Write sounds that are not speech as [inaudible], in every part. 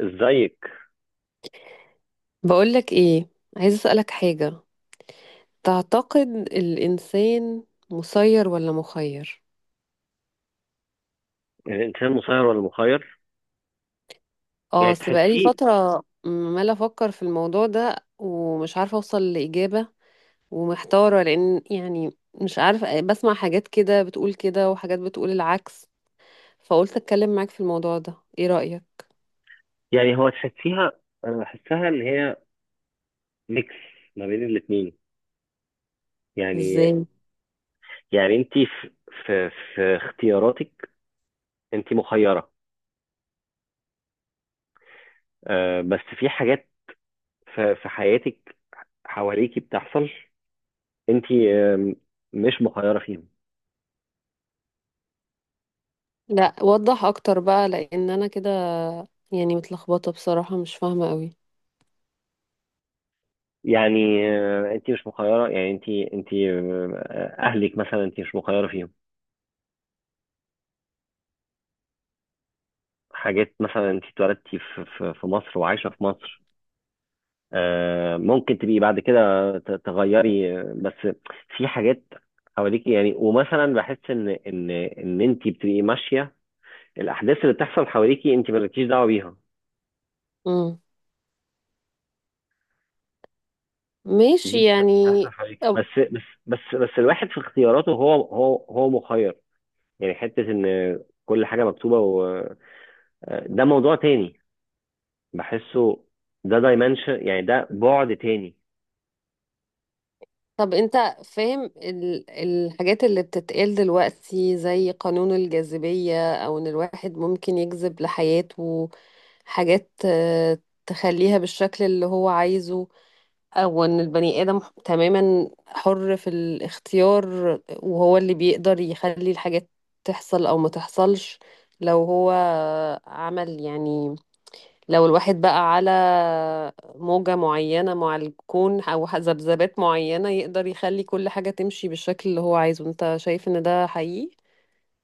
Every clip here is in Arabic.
ازيك؟ بقولك ايه، عايز اسألك حاجة. تعتقد الإنسان مسير ولا مخير؟ يعني، الانسان مسير ولا مخير؟ اه، يعني اصل بقالي تحسيه. فترة عمالة أفكر في الموضوع ده ومش عارفة أوصل لإجابة. ومحتارة لأن يعني مش عارفة، بسمع حاجات كده بتقول كده وحاجات بتقول العكس. فقلت أتكلم معاك في الموضوع ده. ايه رأيك؟ يعني هو تحسيها. انا بحسها ان هي ميكس ما بين الاتنين يعني. ازاي؟ يعني انت في اختياراتك انت مخيره. آه بس في حاجات في حياتك حواليكي بتحصل انت آه مش مخيره فيهم. لا، وضح أكتر بقى لأن أنا كده يعني متلخبطة بصراحة، مش فاهمة قوي. يعني آه انت مش مخيره، يعني انت آه اهلك مثلا انت مش مخيره فيهم. حاجات مثلا انت اتولدتي في مصر وعايشه في مصر. آه، ممكن تبقي بعد كده تغيري آه، بس في حاجات حواليكي، يعني ومثلا بحس ان انت بتبقي ماشيه. الاحداث اللي بتحصل حواليكي انت مالكيش دعوه بيها. امم، دي ماشي بتحصل يعني. حواليكي، بس الواحد في اختياراته هو مخير. يعني حته ان كل حاجه مكتوبه، و آه، ده موضوع تاني بحسه. ده دايمنشن، يعني ده بعد تاني. طب انت فاهم الحاجات اللي بتتقال دلوقتي زي قانون الجاذبية او ان الواحد ممكن يجذب لحياته حاجات تخليها بالشكل اللي هو عايزه. او ان البني ادم تماما حر في الاختيار، وهو اللي بيقدر يخلي الحاجات تحصل او ما تحصلش لو هو عمل يعني لو الواحد بقى على موجة معينة مع الكون أو ذبذبات معينة يقدر يخلي كل حاجة تمشي بالشكل اللي هو عايزه. أنت شايف إن ده حقيقي؟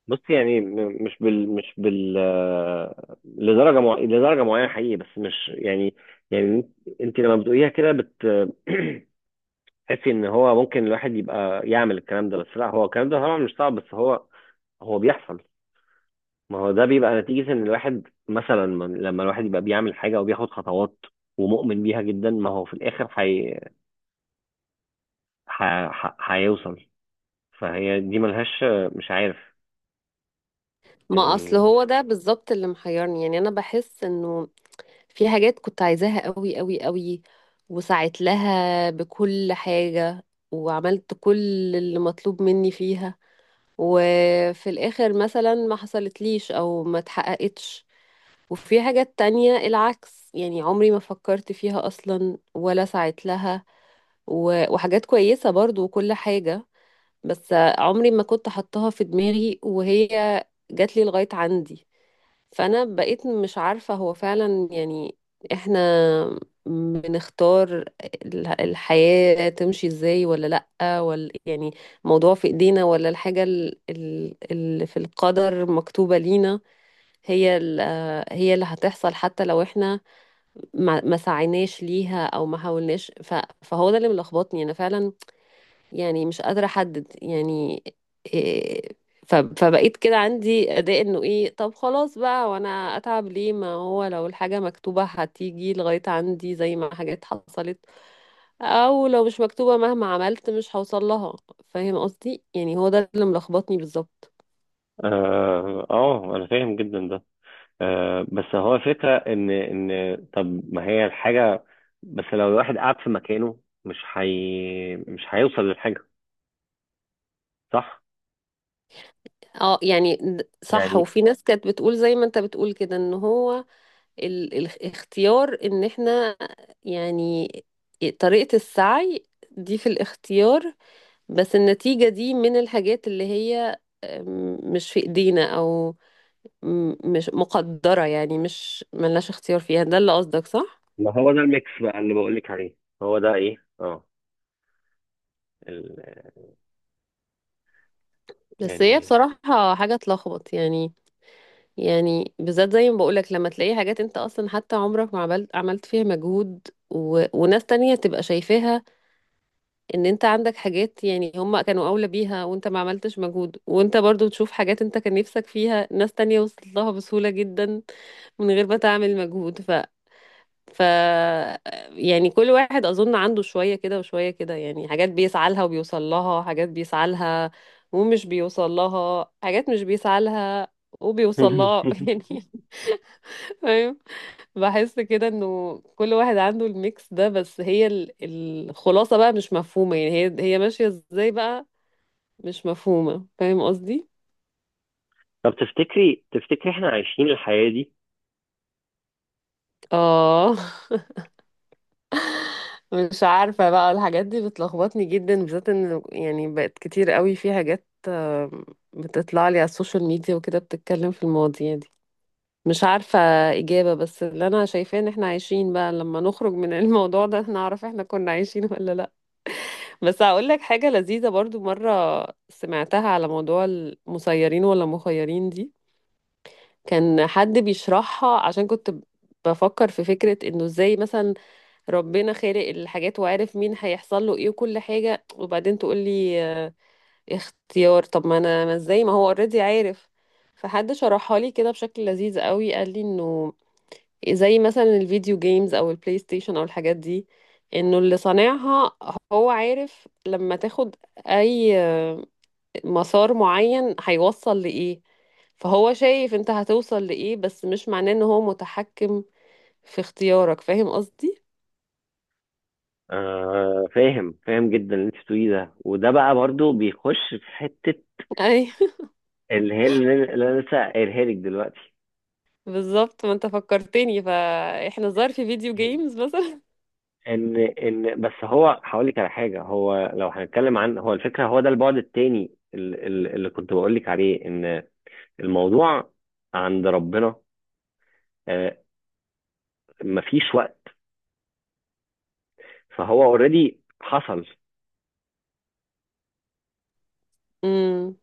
بص، يعني مش بال آه، لدرجه معينه حقيقي، بس مش يعني. يعني انت لما بتقوليها كده بت [clears throat] تحسي ان هو ممكن الواحد يبقى يعمل الكلام ده، بس لا، هو الكلام ده طبعا مش صعب، بس هو هو بيحصل. ما هو ده بيبقى نتيجة ان الواحد مثلا لما الواحد يبقى بيعمل حاجة وبياخد خطوات ومؤمن بيها جدا، ما هو في الاخر ح... هيوصل. فهي دي ملهاش، مش عارف ما أصل يعني. هو ده بالظبط اللي محيرني، يعني أنا بحس إنه في حاجات كنت عايزاها قوي قوي قوي، وسعيت لها بكل حاجة وعملت كل اللي مطلوب مني فيها، وفي الآخر مثلا ما حصلتليش أو ما اتحققتش. وفي حاجات تانية العكس، يعني عمري ما فكرت فيها أصلا ولا سعيت لها وحاجات كويسة برضو وكل حاجة، بس عمري ما كنت حطها في دماغي وهي جات لي لغاية عندي. فانا بقيت مش عارفة هو فعلا يعني احنا بنختار الحياة تمشي ازاي ولا لأ، ولا يعني الموضوع في ايدينا، ولا الحاجة اللي في القدر مكتوبة لينا هي ال- هي اللي هتحصل حتى لو احنا ما سعيناش ليها او ما حاولناش، فهو ده اللي ملخبطني انا فعلا، يعني مش قادرة أحدد يعني إيه. فبقيت كده عندي أداء إنه إيه طب خلاص بقى، وأنا أتعب ليه؟ ما هو لو الحاجة مكتوبة هتيجي لغاية عندي زي ما حاجات حصلت، أو لو مش مكتوبة مهما عملت مش هوصل لها. فاهم قصدي؟ يعني هو ده اللي ملخبطني بالظبط. اه آه، انا فاهم جدا ده. آه، بس هو فكرة إن طب ما هي الحاجة، بس لو الواحد قعد في مكانه مش هيوصل للحاجة، صح؟ اه، يعني صح، يعني وفي ناس كانت بتقول زي ما انت بتقول كده ان هو الاختيار ان احنا يعني طريقة السعي دي في الاختيار، بس النتيجة دي من الحاجات اللي هي، مش في ايدينا او مش مقدرة، يعني مش ملناش اختيار فيها، ده اللي قصدك صح؟ ما هو ده الميكس بقى اللي بقولك عليه. هو ده إيه؟ أه ال... بس هي يعني بصراحة حاجة تلخبط يعني بالذات زي ما بقولك لما تلاقي حاجات انت اصلا حتى عمرك ما عملت فيها مجهود، وناس تانية تبقى شايفاها ان انت عندك حاجات يعني هم كانوا اولى بيها وانت ما عملتش مجهود، وانت برضو تشوف حاجات انت كان نفسك فيها ناس تانية وصلت لها بسهولة جدا من غير ما تعمل مجهود. ف يعني كل واحد اظن عنده شوية كده وشوية كده، يعني حاجات بيسعى لها وبيوصل لها، حاجات بيسعى لها ومش بيوصل لها، حاجات مش بيسعى لها وبيوصل لها [laughs] [laughs] يعني فاهم. بحس كده انه كل واحد عنده الميكس ده، بس هي الخلاصة بقى مش مفهومة، يعني هي ماشية ازاي بقى مش مفهومة. فاهم قصدي؟ طب تفتكري، تفتكري، إحنا عايشين الحياة دي؟ اه. [laughs] مش عارفة بقى، الحاجات دي بتلخبطني جدا بالذات ان يعني بقت كتير قوي في حاجات بتطلع لي على السوشيال ميديا وكده بتتكلم في المواضيع دي، مش عارفة إجابة. بس اللي أنا شايفاه إن إحنا عايشين بقى، لما نخرج من [laughs] الموضوع ده نعرف إحنا كنا عايشين ولا لأ. بس هقول لك حاجة لذيذة برضو، مرة سمعتها على موضوع المسيرين ولا مخيرين دي، كان حد بيشرحها عشان كنت بفكر في فكرة إنه إزاي مثلا ربنا خالق الحاجات وعارف مين هيحصل له ايه وكل حاجة، وبعدين تقول لي اختيار. طب ما انا ما ازاي ما هو اوريدي عارف. فحد شرحها لي كده بشكل لذيذ قوي، قال لي انه زي مثلا الفيديو جيمز او البلاي ستيشن او الحاجات دي، انه اللي صانعها هو عارف لما تاخد اي مسار معين هيوصل لايه، فهو شايف انت هتوصل لايه بس مش معناه ان هو متحكم في اختيارك. فاهم قصدي؟ آه فاهم، فاهم جدا اللي أنت بتقوليه ده، وده بقى برضو بيخش في حتة [laughs] اللي هي اللي أنا لسه قايلها لك دلوقتي. بالظبط، ما انت فكرتني، فاحنا الظاهر في فيديو جيمز مثلا. ان بس هو هقول لك على حاجه، هو لو هنتكلم عن هو الفكره، هو ده البعد التاني اللي كنت بقول لك عليه. ان الموضوع عند ربنا آه، مفيش وقت، فهو اوريدي حصل. امم،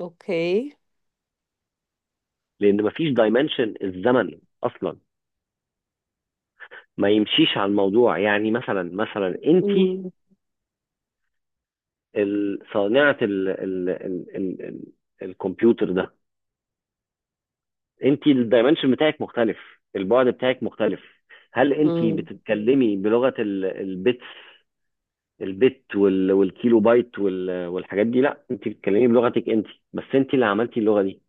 اوكي. لان مفيش دايمنشن الزمن اصلا ما يمشيش على الموضوع. يعني مثلا انت امم، صانعه ال ال ال ال ال الكمبيوتر ده، انت الدايمنشن بتاعك مختلف، البعد بتاعك مختلف. هل انت امم، بتتكلمي بلغه البت، البت والكيلو بايت والحاجات دي؟ لا، انت بتتكلمي بلغتك انت، بس انت اللي عملتي اللغه دي.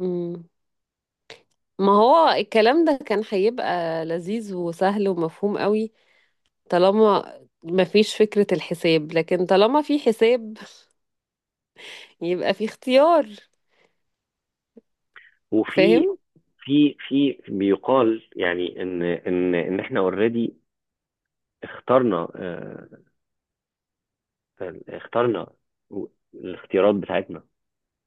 امم. ما هو الكلام ده كان هيبقى لذيذ وسهل ومفهوم قوي طالما ما فيش فكرة الحساب، لكن طالما في حساب يبقى في اختيار. وفي فاهم؟ في بيقال، يعني ان احنا اوريدي اخترنا اه، اخترنا الاختيارات بتاعتنا.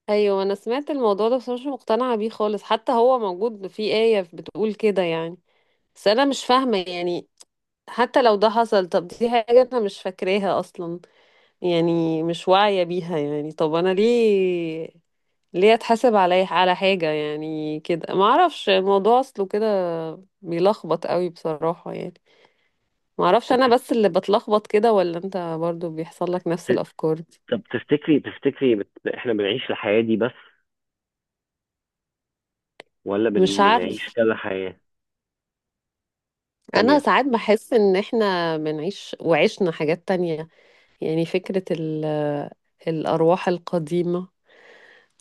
ايوه، انا سمعت الموضوع ده بس أنا مش مقتنعة بيه خالص، حتى هو موجود في آية بتقول كده يعني، بس انا مش فاهمة يعني. حتى لو ده حصل طب دي حاجة انا مش فاكراها اصلا، يعني مش واعية بيها، يعني طب أنا ليه أتحاسب على حاجة يعني كده؟ ما أعرفش الموضوع أصله كده بيلخبط قوي بصراحة يعني. ما أعرفش طب أنا تفت- بس اللي بتلخبط كده ولا أنت برضو بيحصل لك نفس الأفكار دي؟ طب تفتكري، تفتكري، احنا بنعيش الحياه دي بس، ولا مش بنعيش عارف. كذا حياه أنا تانية؟ ساعات بحس إن إحنا بنعيش وعشنا حاجات تانية، يعني فكرة الأرواح القديمة،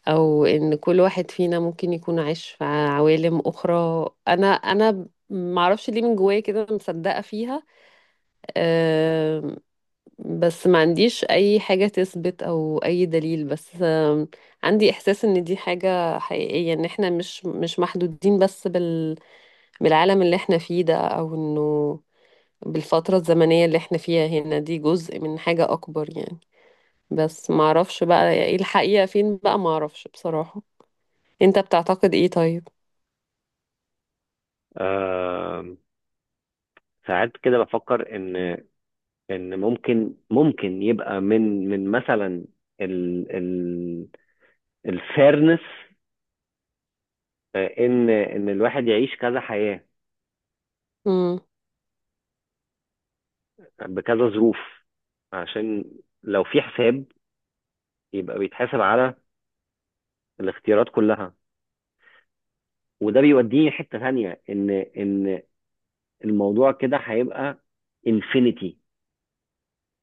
او ان كل واحد فينا ممكن يكون عايش في عوالم اخرى. انا معرفش ليه من جوايا كده مصدقة فيها. أم، بس ما عنديش اي حاجة تثبت او اي دليل، بس عندي احساس ان دي حاجة حقيقية، ان احنا مش محدودين بس بالعالم اللي احنا فيه ده، او انه بالفترة الزمنية اللي احنا فيها هنا، دي جزء من حاجة اكبر يعني. بس معرفش بقى ايه الحقيقة، فين بقى معرفش بصراحة. انت بتعتقد ايه طيب؟ آه ساعات كده بفكر ان ان ممكن يبقى من مثلا ال ال الفيرنس، ان ان الواحد يعيش كذا حياة امم، بكذا ظروف. عشان لو في حساب يبقى بيتحاسب على الاختيارات كلها. وده بيوديني حتة تانية، ان ان الموضوع كده هيبقى انفينيتي،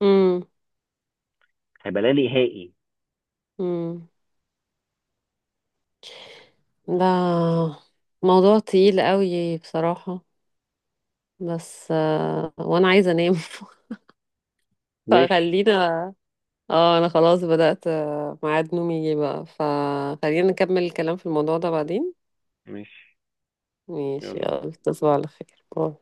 امم، هيبقى لا نهائي. امم. ده موضوع تقيل قوي بصراحة، بس وانا عايزة انام. [laughs] ماشي. فخلينا، اه انا خلاص بدأت ميعاد نومي يجي بقى، فخلينا نكمل الكلام في الموضوع ده بعدين. ماشي، ماشي، يلا باي. يلا تصبح على خير. باي.